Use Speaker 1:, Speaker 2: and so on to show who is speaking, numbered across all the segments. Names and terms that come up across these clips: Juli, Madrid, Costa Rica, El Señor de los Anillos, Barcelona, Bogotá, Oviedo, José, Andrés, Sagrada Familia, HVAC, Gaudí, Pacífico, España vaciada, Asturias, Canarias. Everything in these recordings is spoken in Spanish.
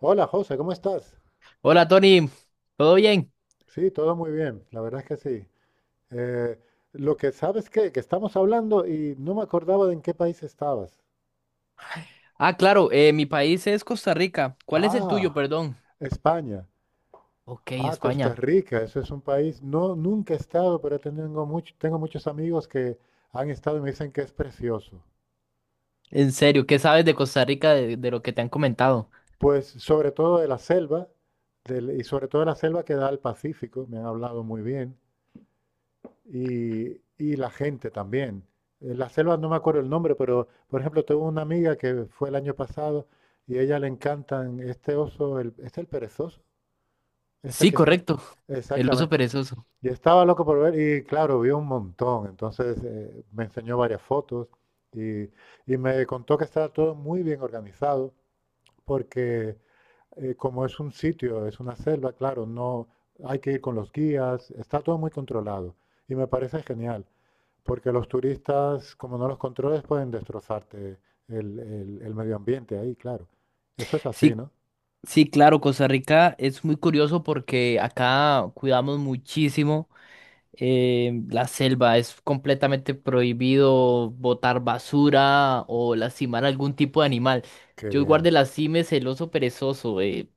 Speaker 1: Hola José, ¿cómo estás?
Speaker 2: Hola Tony, ¿todo bien?
Speaker 1: Sí, todo muy bien, la verdad es que sí. Eh, lo que sabes que estamos hablando y no me acordaba de en qué país estabas.
Speaker 2: Ah, claro, mi país es Costa Rica. ¿Cuál es el tuyo,
Speaker 1: Ah,
Speaker 2: perdón?
Speaker 1: España.
Speaker 2: Ok,
Speaker 1: Ah, Costa
Speaker 2: España.
Speaker 1: Rica, eso es un país. No, nunca he estado, pero tengo tengo muchos amigos que han estado y me dicen que es precioso.
Speaker 2: En serio, ¿qué sabes de Costa Rica de lo que te han comentado?
Speaker 1: Pues sobre todo de la selva, y sobre todo de la selva que da al Pacífico, me han hablado muy bien. y, y la gente también. La selva no me acuerdo el nombre, pero por ejemplo, tengo una amiga que fue el año pasado y a ella le encantan este oso, el, el perezoso, este
Speaker 2: Sí,
Speaker 1: que está.
Speaker 2: correcto, el oso
Speaker 1: Exactamente.
Speaker 2: perezoso.
Speaker 1: Y estaba loco por ver y claro, vio un montón. Entonces me enseñó varias fotos y, y me contó que estaba todo muy bien organizado porque como es un sitio, es una selva, claro, no hay que ir con los guías, está todo muy controlado y me parece genial. Porque los turistas, como no los controles, pueden destrozarte el medio ambiente ahí, claro. Eso es así,
Speaker 2: Sí,
Speaker 1: ¿no?
Speaker 2: sí, claro, Costa Rica es muy curioso porque acá cuidamos muchísimo la selva. Es completamente prohibido botar basura o lastimar algún tipo de animal.
Speaker 1: Qué
Speaker 2: Yo guardé
Speaker 1: bien.
Speaker 2: las cimes el oso perezoso.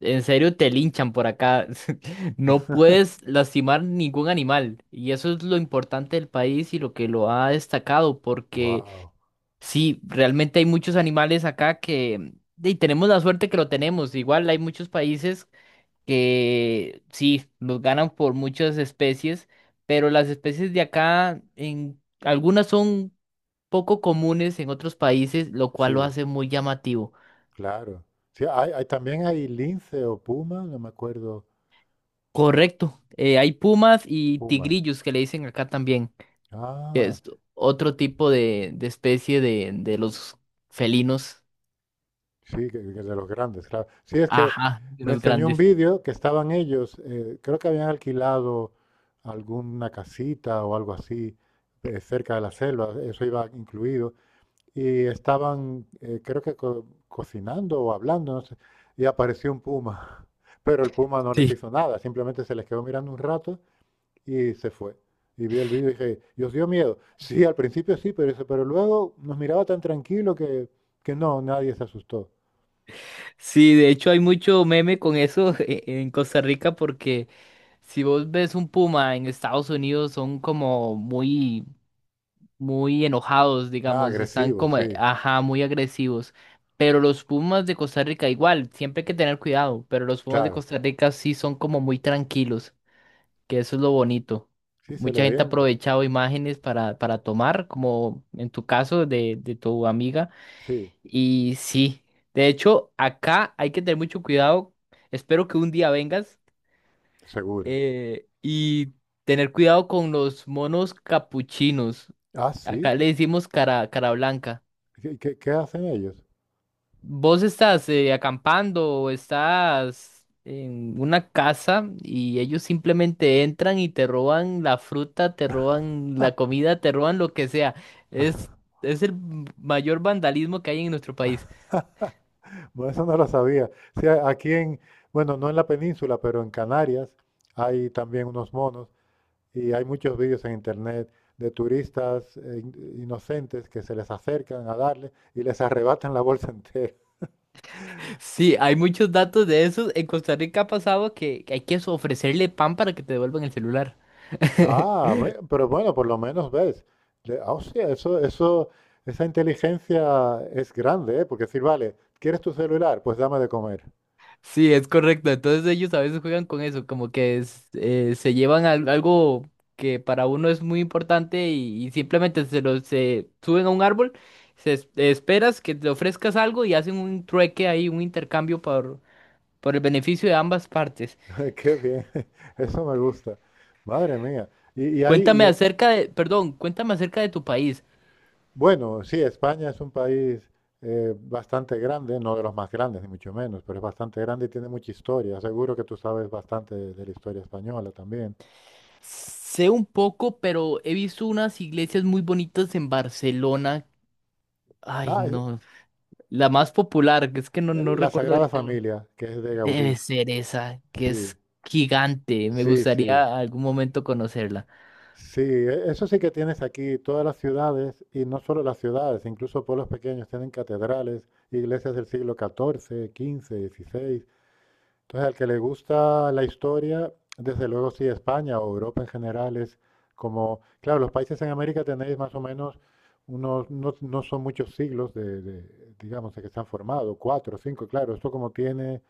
Speaker 2: En serio, te linchan por acá. No puedes lastimar ningún animal. Y eso es lo importante del país y lo que lo ha destacado, porque
Speaker 1: Wow.
Speaker 2: sí, realmente hay muchos animales acá que... Y tenemos la suerte que lo tenemos. Igual hay muchos países que sí, nos ganan por muchas especies, pero las especies de acá, en algunas son poco comunes en otros países, lo cual lo
Speaker 1: Sí,
Speaker 2: hace muy llamativo.
Speaker 1: claro. Sí, también hay lince o puma, no me acuerdo.
Speaker 2: Correcto. Hay pumas y
Speaker 1: Pumas.
Speaker 2: tigrillos que le dicen acá también, que
Speaker 1: Ah,
Speaker 2: es otro tipo de especie de los felinos.
Speaker 1: sí, que de los grandes, claro. Sí, es que
Speaker 2: Ajá, de
Speaker 1: me
Speaker 2: los
Speaker 1: enseñó un
Speaker 2: grandes.
Speaker 1: vídeo que estaban ellos, creo que habían alquilado alguna casita o algo así, cerca de la selva, eso iba incluido, y estaban, creo que cocinando o hablando, no sé, y apareció un puma. Pero el puma no les
Speaker 2: Sí.
Speaker 1: hizo nada, simplemente se les quedó mirando un rato y se fue. Y vi el vídeo y dije, ¿y os dio miedo? Sí, al principio sí, pero, dice, pero luego nos miraba tan tranquilo que no, nadie se asustó.
Speaker 2: Sí, de hecho hay mucho meme con eso en Costa Rica porque si vos ves un puma en Estados Unidos son como muy enojados,
Speaker 1: Ah,
Speaker 2: digamos, están
Speaker 1: agresivo,
Speaker 2: como,
Speaker 1: sí,
Speaker 2: ajá, muy agresivos. Pero los pumas de Costa Rica igual, siempre hay que tener cuidado, pero los pumas de
Speaker 1: claro.
Speaker 2: Costa Rica sí son como muy tranquilos. Que eso es lo bonito.
Speaker 1: Sí, se le
Speaker 2: Mucha gente
Speaker 1: veía.
Speaker 2: ha aprovechado imágenes para tomar, como en tu caso de tu amiga.
Speaker 1: Sí,
Speaker 2: Y sí, de hecho, acá hay que tener mucho cuidado. Espero que un día vengas
Speaker 1: seguro.
Speaker 2: y tener cuidado con los monos capuchinos.
Speaker 1: Ah,
Speaker 2: Acá
Speaker 1: sí.
Speaker 2: le decimos cara, cara blanca.
Speaker 1: ¿Qué, qué hacen ellos?
Speaker 2: ¿Vos estás acampando o estás en una casa y ellos simplemente entran y te roban la fruta, te roban la comida, te roban lo que sea? Es, es el mayor vandalismo que hay en nuestro país.
Speaker 1: Bueno, eso no lo sabía. Sí, aquí en, bueno, no en la península, pero en Canarias hay también unos monos y hay muchos vídeos en internet de turistas inocentes que se les acercan a darle y les arrebatan la bolsa entera.
Speaker 2: Sí, hay muchos datos de esos. En Costa Rica ha pasado que hay que ofrecerle pan para que te devuelvan el celular.
Speaker 1: Ah, pero bueno, por lo menos ves. Ah, hostia, eso, esa inteligencia es grande, ¿eh? Porque decir, vale, ¿quieres tu celular? Pues dame de comer.
Speaker 2: Sí, es correcto. Entonces ellos a veces juegan con eso, como que se llevan algo que para uno es muy importante y simplemente se suben a un árbol, esperas que te ofrezcas algo y hacen un trueque ahí, un intercambio por el beneficio de ambas partes.
Speaker 1: Qué bien, eso me gusta. Madre mía. Y, y
Speaker 2: Cuéntame
Speaker 1: hay,
Speaker 2: acerca de, perdón, cuéntame acerca de tu país.
Speaker 1: Bueno, sí, España es un país bastante grande, no de los más grandes, ni mucho menos, pero es bastante grande y tiene mucha historia. Seguro que tú sabes bastante de la historia española también.
Speaker 2: Sé un poco, pero he visto unas iglesias muy bonitas en Barcelona. Ay,
Speaker 1: Ah,
Speaker 2: no, la más popular, que es que no
Speaker 1: la
Speaker 2: recuerdo
Speaker 1: Sagrada
Speaker 2: ahorita.
Speaker 1: Familia, que es de
Speaker 2: Debe
Speaker 1: Gaudí.
Speaker 2: ser esa, que
Speaker 1: Sí,
Speaker 2: es gigante. Me
Speaker 1: sí, sí.
Speaker 2: gustaría algún momento conocerla.
Speaker 1: Sí, eso sí que tienes aquí, todas las ciudades, y no solo las ciudades, incluso pueblos pequeños tienen catedrales, iglesias del siglo XIV, XV, XVI. Entonces, al que le gusta la historia, desde luego sí, España o Europa en general es como, claro, los países en América tenéis más o menos unos, no, no son muchos siglos digamos, de que se han formado, cuatro, cinco, claro, esto como tiene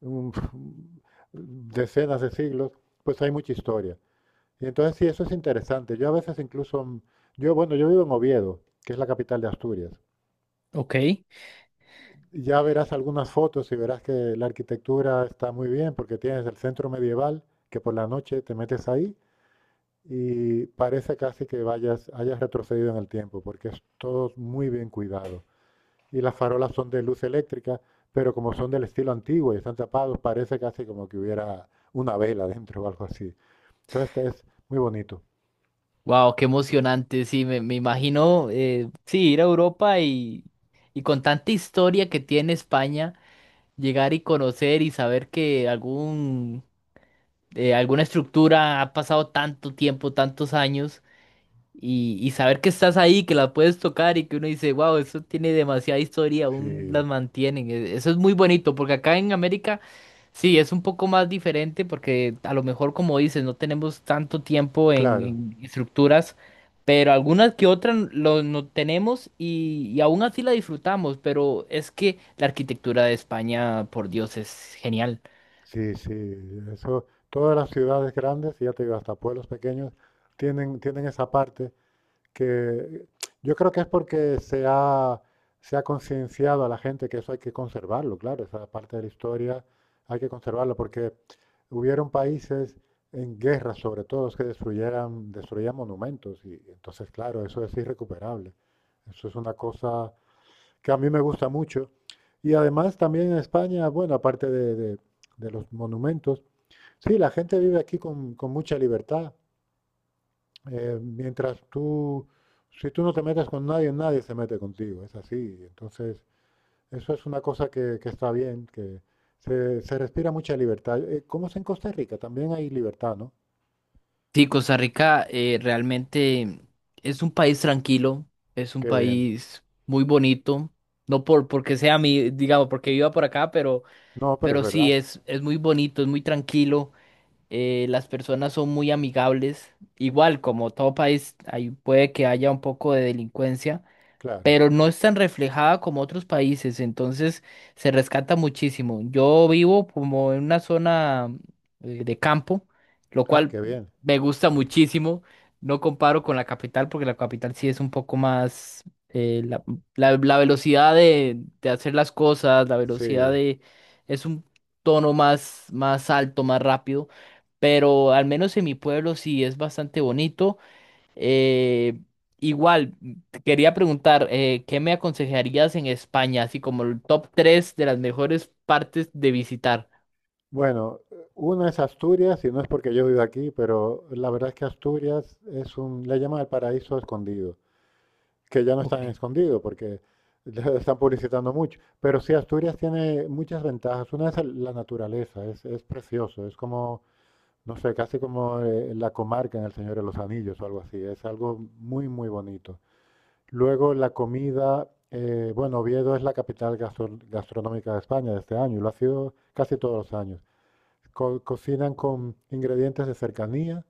Speaker 1: un- decenas de siglos, pues hay mucha historia. Y entonces sí, eso es interesante. Yo a veces incluso, yo, bueno, yo vivo en Oviedo, que es la capital de Asturias.
Speaker 2: Ok.
Speaker 1: Ya verás algunas fotos y verás que la arquitectura está muy bien porque tienes el centro medieval que por la noche te metes ahí y parece casi que vayas, hayas retrocedido en el tiempo porque es todo muy bien cuidado. Y las farolas son de luz eléctrica, pero como son del estilo antiguo y están tapados, parece casi como que hubiera una vela dentro o algo así. Entonces este es muy bonito.
Speaker 2: Wow, qué emocionante. Sí, me imagino, sí, ir a Europa y con tanta historia que tiene España, llegar y conocer y saber que alguna estructura ha pasado tanto tiempo, tantos años. Y saber que estás ahí, que la puedes tocar y que uno dice, wow, eso tiene demasiada historia, aún las
Speaker 1: Sí,
Speaker 2: mantienen. Eso es muy bonito, porque acá en América sí es un poco más diferente, porque a lo mejor, como dices, no tenemos tanto tiempo
Speaker 1: claro.
Speaker 2: en estructuras, pero algunas que otras no tenemos y aún así la disfrutamos. Pero es que la arquitectura de España, por Dios, es genial.
Speaker 1: Sí, sí. Eso, todas las ciudades grandes, y ya te digo, hasta pueblos pequeños, tienen esa parte que yo creo que es porque se ha concienciado a la gente que eso hay que conservarlo, claro, esa parte de la historia hay que conservarlo, porque hubieron países en guerra, sobre todo, que destruían monumentos, y entonces, claro, eso es irrecuperable. Eso es una cosa que a mí me gusta mucho. Y además también en España, bueno, aparte de los monumentos, sí, la gente vive aquí con mucha libertad. Mientras tú, si tú no te metes con nadie, nadie se mete contigo, es así. Entonces, eso es una cosa que está bien, que se respira mucha libertad. ¿Cómo es en Costa Rica? También hay libertad, ¿no?
Speaker 2: Sí, Costa Rica realmente es un país tranquilo, es un
Speaker 1: Qué bien.
Speaker 2: país muy bonito, no porque sea mi, digamos, porque viva por acá,
Speaker 1: No, pero es
Speaker 2: pero sí
Speaker 1: verdad,
Speaker 2: es muy bonito, es muy tranquilo, las personas son muy amigables, igual como todo país, ahí puede que haya un poco de delincuencia,
Speaker 1: claro.
Speaker 2: pero no es tan reflejada como otros países, entonces se rescata muchísimo. Yo vivo como en una zona de campo, lo
Speaker 1: Ah,
Speaker 2: cual
Speaker 1: qué bien.
Speaker 2: me gusta muchísimo. No comparo con la capital porque la capital sí es un poco más eh, la, la velocidad de hacer las cosas, la velocidad
Speaker 1: Sí.
Speaker 2: de es un tono más alto, más rápido, pero al menos en mi pueblo sí es bastante bonito. Eh, Igual, te quería preguntar, ¿qué me aconsejarías en España, así como el top 3 de las mejores partes de visitar?
Speaker 1: Bueno, una es Asturias, y no es porque yo vivo aquí, pero la verdad es que Asturias es un, le llaman el paraíso escondido. Que ya no
Speaker 2: Ok.
Speaker 1: están escondidos porque ya están publicitando mucho. Pero sí, Asturias tiene muchas ventajas. Una es la naturaleza, es precioso, es como, no sé, casi como la comarca en El Señor de los Anillos o algo así. Es algo muy, muy bonito. Luego la comida, bueno, Oviedo es la capital gastronómica de España de este año, y lo ha sido casi todos los años. Cocinan con ingredientes de cercanía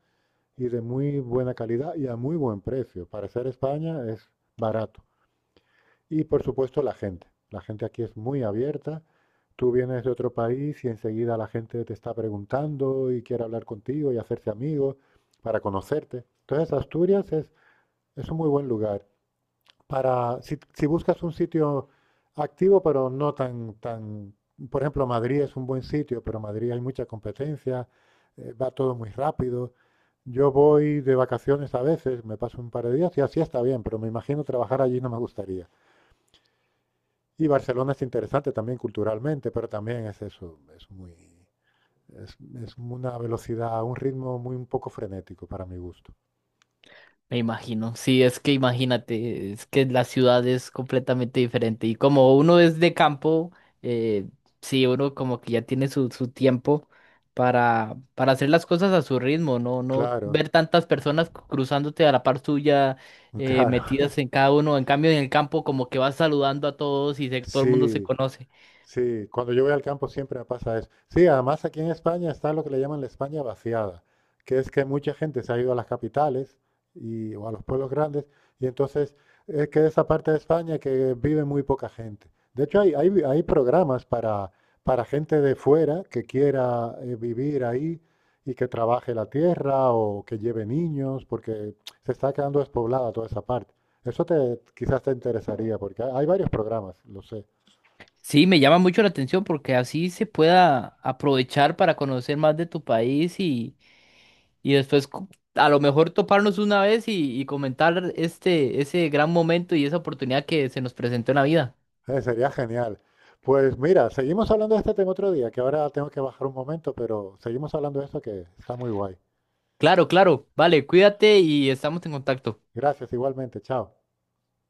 Speaker 1: y de muy buena calidad y a muy buen precio. Para ser España es barato. Y por supuesto la gente. La gente aquí es muy abierta. Tú vienes de otro país y enseguida la gente te está preguntando y quiere hablar contigo y hacerse amigo para conocerte. Entonces Asturias es un muy buen lugar para si, si buscas un sitio activo pero no tan tan, por ejemplo Madrid es un buen sitio pero en Madrid hay mucha competencia, va todo muy rápido, yo voy de vacaciones a veces me paso un par de días y así está bien pero me imagino trabajar allí no me gustaría. Y Barcelona es interesante también culturalmente, pero también es eso, es muy, es, es una velocidad, un ritmo muy un poco frenético para mi gusto.
Speaker 2: Me imagino, sí, es que imagínate, es que la ciudad es completamente diferente y como uno es de campo, eh, sí, uno como que ya tiene su, su tiempo para hacer las cosas a su ritmo, no
Speaker 1: Claro,
Speaker 2: ver tantas personas cruzándote a la par suya,
Speaker 1: muy claro.
Speaker 2: metidas en cada uno, en cambio en el campo como que vas saludando a todos todo el mundo se
Speaker 1: Sí,
Speaker 2: conoce.
Speaker 1: sí, cuando yo voy al campo siempre me pasa eso. Sí, además aquí en España está lo que le llaman la España vaciada, que es que mucha gente se ha ido a las capitales y, o a los pueblos grandes, y entonces es que esa parte de España que vive muy poca gente. De hecho, hay programas para gente de fuera que quiera vivir ahí y que trabaje la tierra o que lleve niños, porque se está quedando despoblada toda esa parte. Eso te, quizás te interesaría, porque hay varios programas, lo sé.
Speaker 2: Sí, me llama mucho la atención porque así se pueda aprovechar para conocer más de tu país. Y después a lo mejor toparnos una vez y comentar este, ese gran momento y esa oportunidad que se nos presentó en la vida.
Speaker 1: Sería genial. Pues mira, seguimos hablando de este tema otro día, que ahora tengo que bajar un momento, pero seguimos hablando de esto que está muy guay.
Speaker 2: Claro, claro. Vale, cuídate y estamos en contacto.
Speaker 1: Gracias, igualmente. Chao.